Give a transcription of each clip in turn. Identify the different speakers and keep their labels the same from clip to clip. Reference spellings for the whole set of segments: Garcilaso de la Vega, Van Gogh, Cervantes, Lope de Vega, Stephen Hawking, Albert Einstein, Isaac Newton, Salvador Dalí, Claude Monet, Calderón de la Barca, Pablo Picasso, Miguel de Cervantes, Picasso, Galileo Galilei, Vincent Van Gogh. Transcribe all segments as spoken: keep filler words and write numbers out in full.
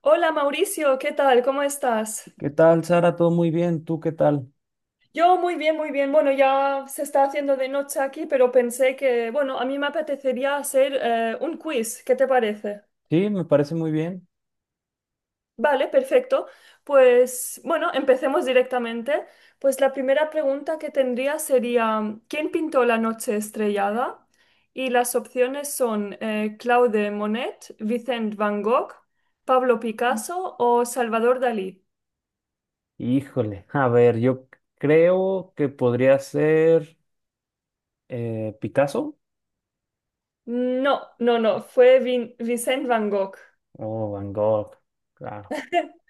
Speaker 1: Hola Mauricio, ¿qué tal? ¿Cómo estás?
Speaker 2: ¿Qué tal, Sara? ¿Todo muy bien? ¿Tú qué tal?
Speaker 1: Yo muy bien, muy bien. Bueno, ya se está haciendo de noche aquí, pero pensé que, bueno, a mí me apetecería hacer eh, un quiz. ¿Qué te parece?
Speaker 2: Sí, me parece muy bien.
Speaker 1: Vale, perfecto. Pues bueno, empecemos directamente. Pues la primera pregunta que tendría sería, ¿quién pintó la noche estrellada? Y las opciones son eh, Claude Monet, Vicent Van Gogh, Pablo Picasso o Salvador Dalí.
Speaker 2: Híjole, a ver, yo c- creo que podría ser eh, Picasso
Speaker 1: No, no, no, fue Vin Vincent Van Gogh.
Speaker 2: o Van Gogh, claro.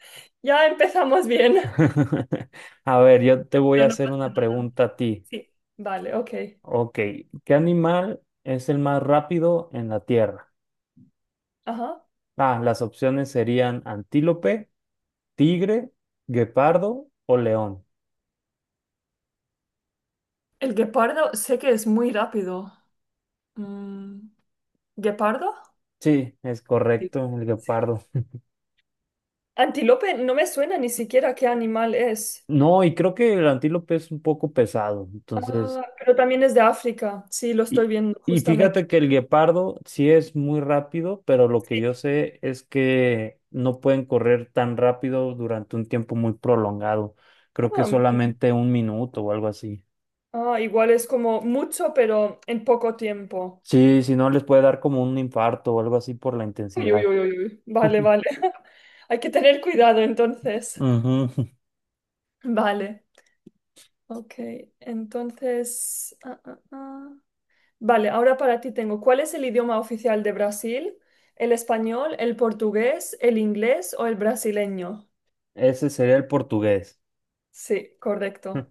Speaker 1: Ya empezamos bien.
Speaker 2: A ver, yo te voy
Speaker 1: No,
Speaker 2: a
Speaker 1: no,
Speaker 2: hacer una pregunta a ti.
Speaker 1: sí, vale, ok.
Speaker 2: Ok, ¿qué animal es el más rápido en la Tierra?
Speaker 1: Ajá.
Speaker 2: Ah, las opciones serían antílope, tigre, guepardo o león.
Speaker 1: El guepardo sé que es muy rápido. Mm, ¿guepardo?
Speaker 2: Sí, es
Speaker 1: Sí.
Speaker 2: correcto, el guepardo.
Speaker 1: Antílope no me suena ni siquiera qué animal es.
Speaker 2: No, y creo que el antílope es un poco pesado. Entonces,
Speaker 1: Ah, pero también es de África. Sí, lo estoy
Speaker 2: y,
Speaker 1: viendo
Speaker 2: y
Speaker 1: justamente.
Speaker 2: fíjate que el guepardo sí es muy rápido, pero lo que yo sé es que no pueden correr tan rápido durante un tiempo muy prolongado.
Speaker 1: Ah,
Speaker 2: Creo que
Speaker 1: vale.
Speaker 2: solamente un minuto o algo así.
Speaker 1: Ah, igual es como mucho, pero en poco tiempo.
Speaker 2: Sí, si no les puede dar como un infarto o algo así por la
Speaker 1: Uy, uy,
Speaker 2: intensidad.
Speaker 1: uy, uy, uy. Vale, vale. Hay que tener cuidado entonces.
Speaker 2: Ujú.
Speaker 1: Vale. Ok, entonces. ah, ah, ah. Vale, ahora para ti tengo, ¿cuál es el idioma oficial de Brasil? ¿El español, el portugués, el inglés o el brasileño?
Speaker 2: Ese sería el portugués.
Speaker 1: Sí, correcto.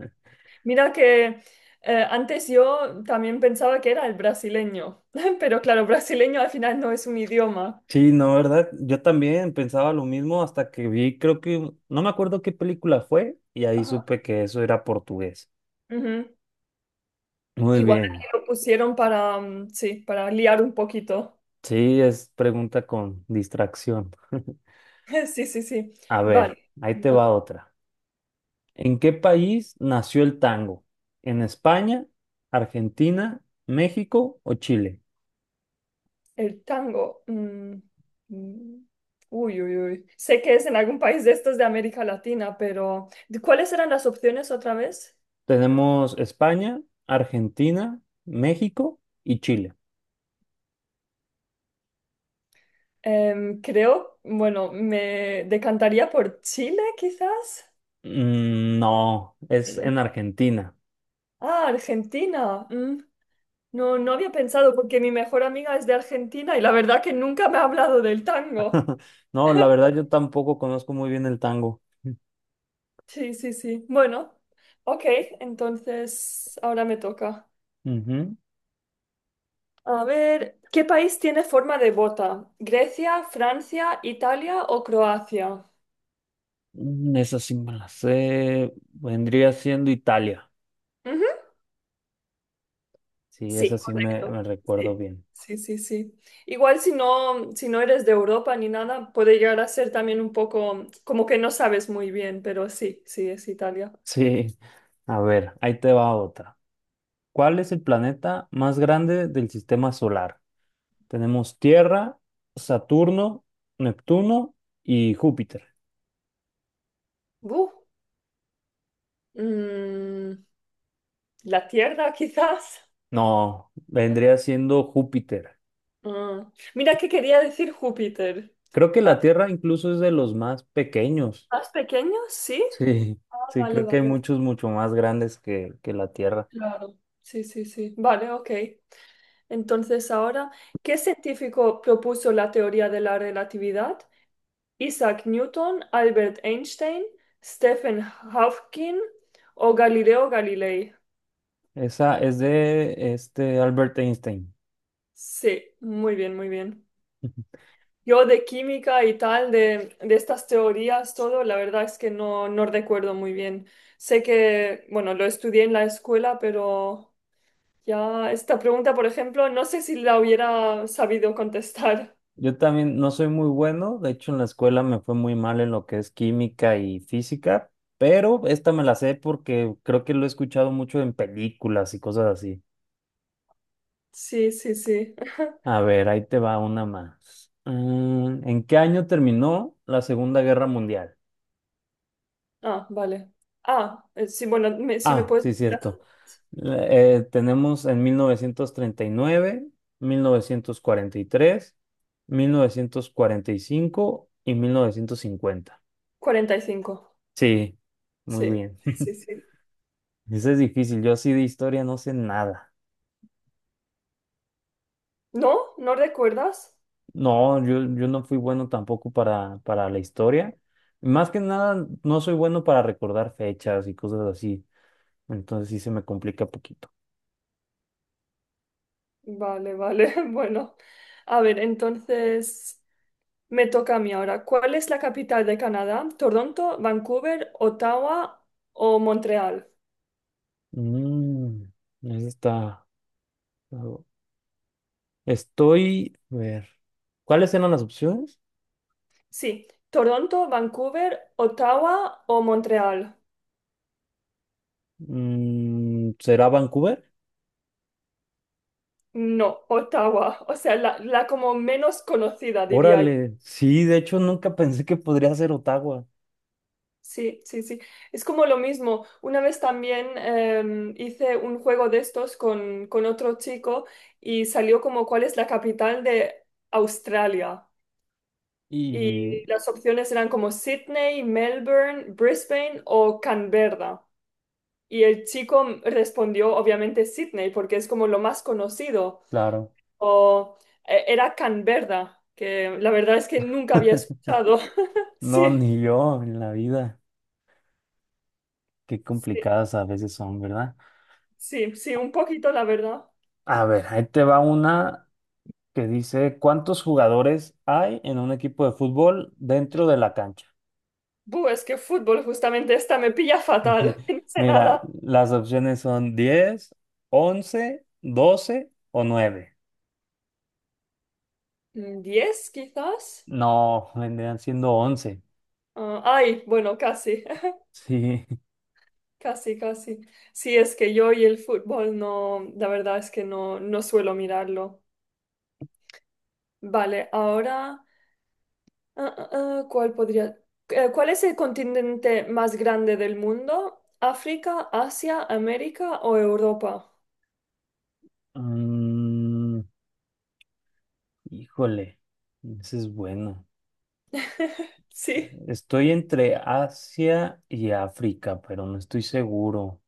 Speaker 1: Mira que eh, antes yo también pensaba que era el brasileño, pero claro, brasileño al final no es un idioma.
Speaker 2: Sí, no, ¿verdad? Yo también pensaba lo mismo hasta que vi, creo que, no me acuerdo qué película fue, y ahí
Speaker 1: Ajá.
Speaker 2: supe que eso era portugués.
Speaker 1: Ujú.
Speaker 2: Muy
Speaker 1: Igual
Speaker 2: bien.
Speaker 1: aquí lo pusieron para, mm, sí, para liar un poquito.
Speaker 2: Sí, es pregunta con distracción.
Speaker 1: Sí, sí, sí.
Speaker 2: A ver,
Speaker 1: Vale.
Speaker 2: ahí te
Speaker 1: Entonces,
Speaker 2: va otra. ¿En qué país nació el tango? ¿En España, Argentina, México o Chile?
Speaker 1: el tango. mm, mm, uy, uy, uy. Sé que es en algún país de estos de América Latina, pero ¿de ¿cuáles eran las opciones otra vez?
Speaker 2: Tenemos España, Argentina, México y Chile.
Speaker 1: Em, creo, bueno, me decantaría por Chile, quizás.
Speaker 2: Mm, no, es
Speaker 1: Mm.
Speaker 2: en Argentina.
Speaker 1: Ah, Argentina. mm, No, no había pensado porque mi mejor amiga es de Argentina y la verdad que nunca me ha hablado del tango.
Speaker 2: No, la verdad yo tampoco conozco muy bien el tango.
Speaker 1: Sí, sí, sí. Bueno, ok, entonces ahora me toca.
Speaker 2: Ujú.
Speaker 1: A ver, ¿qué país tiene forma de bota? ¿Grecia, Francia, Italia o Croacia?
Speaker 2: Mm, Esa sí me la sé. Vendría siendo Italia.
Speaker 1: Ujú.
Speaker 2: Sí,
Speaker 1: Sí,
Speaker 2: esa sí me,
Speaker 1: correcto.
Speaker 2: me recuerdo
Speaker 1: Sí,
Speaker 2: bien.
Speaker 1: sí, sí, sí. Igual si no, si no eres de Europa ni nada, puede llegar a ser también un poco como que no sabes muy bien, pero sí, sí, es Italia.
Speaker 2: Sí. A ver, ahí te va otra. ¿Cuál es el planeta más grande del sistema solar? Tenemos Tierra, Saturno, Neptuno y Júpiter.
Speaker 1: Buh. Mm, la Tierra, quizás.
Speaker 2: No, vendría siendo Júpiter.
Speaker 1: Ah, mira que quería decir Júpiter.
Speaker 2: Creo que
Speaker 1: Ah,
Speaker 2: la Tierra incluso es de los más pequeños.
Speaker 1: ¿más pequeño? Sí.
Speaker 2: Sí,
Speaker 1: Ah,
Speaker 2: sí,
Speaker 1: vale,
Speaker 2: creo que hay
Speaker 1: vale.
Speaker 2: muchos mucho más grandes que, que la Tierra.
Speaker 1: Claro. Sí, sí, sí. Vale, ok. Entonces ahora, ¿qué científico propuso la teoría de la relatividad? Isaac Newton, Albert Einstein, Stephen Hawking o Galileo Galilei.
Speaker 2: Esa es de este Albert Einstein.
Speaker 1: Sí, muy bien, muy bien. Yo de química y tal, de, de estas teorías, todo, la verdad es que no, no recuerdo muy bien. Sé que, bueno, lo estudié en la escuela, pero ya, esta pregunta, por ejemplo, no sé si la hubiera sabido contestar.
Speaker 2: Yo también no soy muy bueno, de hecho en la escuela me fue muy mal en lo que es química y física, pero esta me la sé porque creo que lo he escuchado mucho en películas y cosas así.
Speaker 1: Sí, sí, sí.
Speaker 2: A ver, ahí te va una más. Mm, ¿en qué año terminó la Segunda Guerra Mundial?
Speaker 1: Ah, vale. Ah, eh, sí, bueno, me- si me
Speaker 2: Ah,
Speaker 1: puedes
Speaker 2: sí,
Speaker 1: decir la-
Speaker 2: cierto. La- eh, tenemos en mil novecientos treinta y nueve, mil mil mil novecientos novecientos novecientos cuarenta cuarenta y y y tres, cinco cincuenta.
Speaker 1: cuarenta y cinco.
Speaker 2: Sí, muy
Speaker 1: Sí,
Speaker 2: bien.
Speaker 1: sí, sí. Sí.
Speaker 2: Eso es difícil. Yo así de historia no sé nada.
Speaker 1: ¿No? ¿No recuerdas?
Speaker 2: No, yo, yo no fui bueno tampoco para, para la historia. Más que nada, no soy bueno para recordar fechas y cosas así. Entonces sí se me complica poquito.
Speaker 1: Vale, vale. Bueno, a ver, entonces me toca a mí ahora. ¿Cuál es la capital de Canadá? ¿Toronto, Vancouver, Ottawa o Montreal?
Speaker 2: Mm, Eso está. Estoy, a ver, ¿cuáles eran las opciones?
Speaker 1: Sí, Toronto, Vancouver, Ottawa o Montreal.
Speaker 2: Mm, ¿será Vancouver?
Speaker 1: No, Ottawa, o sea, la, la como menos conocida, diría yo.
Speaker 2: Órale, sí, de hecho nunca pensé que podría ser Ottawa.
Speaker 1: Sí, sí, sí. Es como lo mismo. Una vez también em, hice un juego de estos con, con otro chico y salió como cuál es la capital de Australia. Y
Speaker 2: Y
Speaker 1: las opciones eran como Sydney, Melbourne, Brisbane o Canberra. Y el chico respondió obviamente Sydney porque es como lo más conocido.
Speaker 2: claro,
Speaker 1: O, eh, era Canberra, que la verdad es que nunca había escuchado.
Speaker 2: no,
Speaker 1: Sí,
Speaker 2: ni yo en la vida. Qué
Speaker 1: sí,
Speaker 2: complicadas a veces son, ¿verdad?
Speaker 1: sí, sí, un poquito, la verdad.
Speaker 2: A ver, ahí te va una que dice, ¿cuántos jugadores hay en un equipo de fútbol dentro de la cancha?
Speaker 1: Buh, es que fútbol, justamente esta me pilla fatal. No sé
Speaker 2: Mira,
Speaker 1: nada.
Speaker 2: las opciones son diez, once, doce o nueve.
Speaker 1: Mm, ¿Diez, quizás?
Speaker 2: No, vendrían siendo once.
Speaker 1: Ah, ay, bueno, casi,
Speaker 2: Sí.
Speaker 1: casi, casi. Sí, es que yo y el fútbol no, la verdad es que no, no suelo mirarlo. Vale, ahora. Ah, ah, ah, ¿cuál podría? Eh, ¿Cuál es el continente más grande del mundo? ¿África, Asia, América o Europa?
Speaker 2: Mm, Híjole, ese es bueno.
Speaker 1: Sí,
Speaker 2: Estoy entre Asia y África, pero no estoy seguro.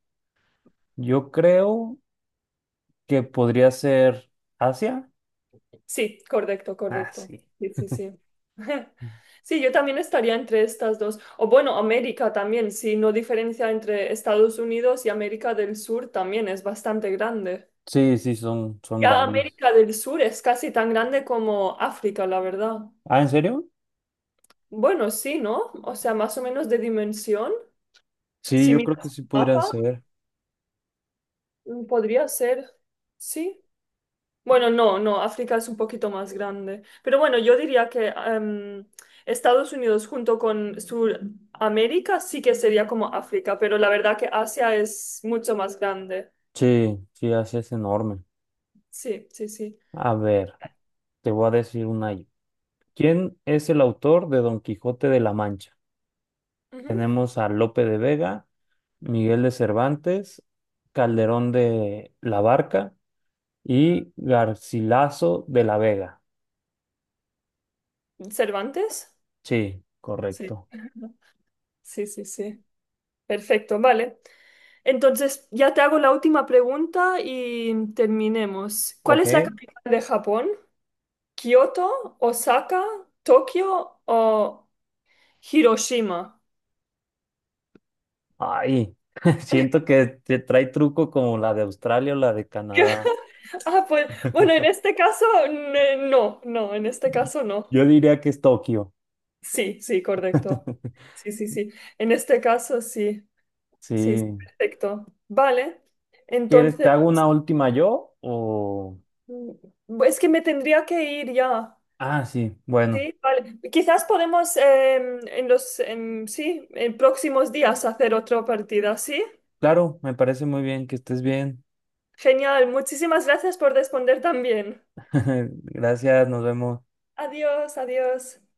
Speaker 2: Yo creo que podría ser Asia.
Speaker 1: sí, correcto,
Speaker 2: Ah,
Speaker 1: correcto.
Speaker 2: sí.
Speaker 1: Sí, sí, sí. Sí, yo también estaría entre estas dos. O bueno, América también, si no diferencia entre Estados Unidos y América del Sur también es bastante grande.
Speaker 2: Sí, sí, son, son
Speaker 1: Ya
Speaker 2: grandes.
Speaker 1: América del Sur es casi tan grande como África, la verdad.
Speaker 2: Ah, ¿en serio?
Speaker 1: Bueno, sí, ¿no? O sea, más o menos de dimensión.
Speaker 2: Sí,
Speaker 1: Si
Speaker 2: yo creo que
Speaker 1: miras
Speaker 2: sí
Speaker 1: el
Speaker 2: podrían
Speaker 1: mapa,
Speaker 2: ser.
Speaker 1: mm, podría ser, sí. Bueno, no, no, África es un poquito más grande. Pero bueno, yo diría que em, Estados Unidos junto con Sudamérica sí que sería como África, pero la verdad que Asia es mucho más grande.
Speaker 2: Sí, sí, Asia es enorme.
Speaker 1: Sí, sí, sí.
Speaker 2: A ver, te voy a decir una. Yo. ¿Quién es el autor de Don Quijote de la Mancha?
Speaker 1: Ujú.
Speaker 2: Tenemos a Lope de Vega, Miguel de Cervantes, Calderón de la Barca y Garcilaso de la Vega.
Speaker 1: ¿Cervantes?
Speaker 2: Sí,
Speaker 1: Sí,
Speaker 2: correcto.
Speaker 1: sí, sí, sí. Perfecto, vale. Entonces, ya te hago la última pregunta y terminemos. ¿Cuál
Speaker 2: Ok.
Speaker 1: es la capital de Japón? Kioto, Osaka, Tokio o Hiroshima.
Speaker 2: Ay, siento que te trae truco como la de Australia o la de Canadá.
Speaker 1: Ah, pues bueno, en este caso ne- no, no, en este caso no.
Speaker 2: Yo diría que es Tokio.
Speaker 1: Sí, sí, correcto. Sí, sí, sí. En este caso sí, sí, sí,
Speaker 2: Sí.
Speaker 1: perfecto. Vale.
Speaker 2: ¿Quieres, te
Speaker 1: Entonces,
Speaker 2: hago una última yo o...
Speaker 1: mm, es que me tendría que ir ya.
Speaker 2: Ah, sí, bueno,
Speaker 1: Sí, vale. Quizás podemos em, en los, em, sí, en próximos días hacer otra partida, ¿sí?
Speaker 2: claro, me parece muy bien que estés bien.
Speaker 1: Genial. Muchísimas gracias por responder también.
Speaker 2: Gracias, nos vemos.
Speaker 1: Adiós, adiós.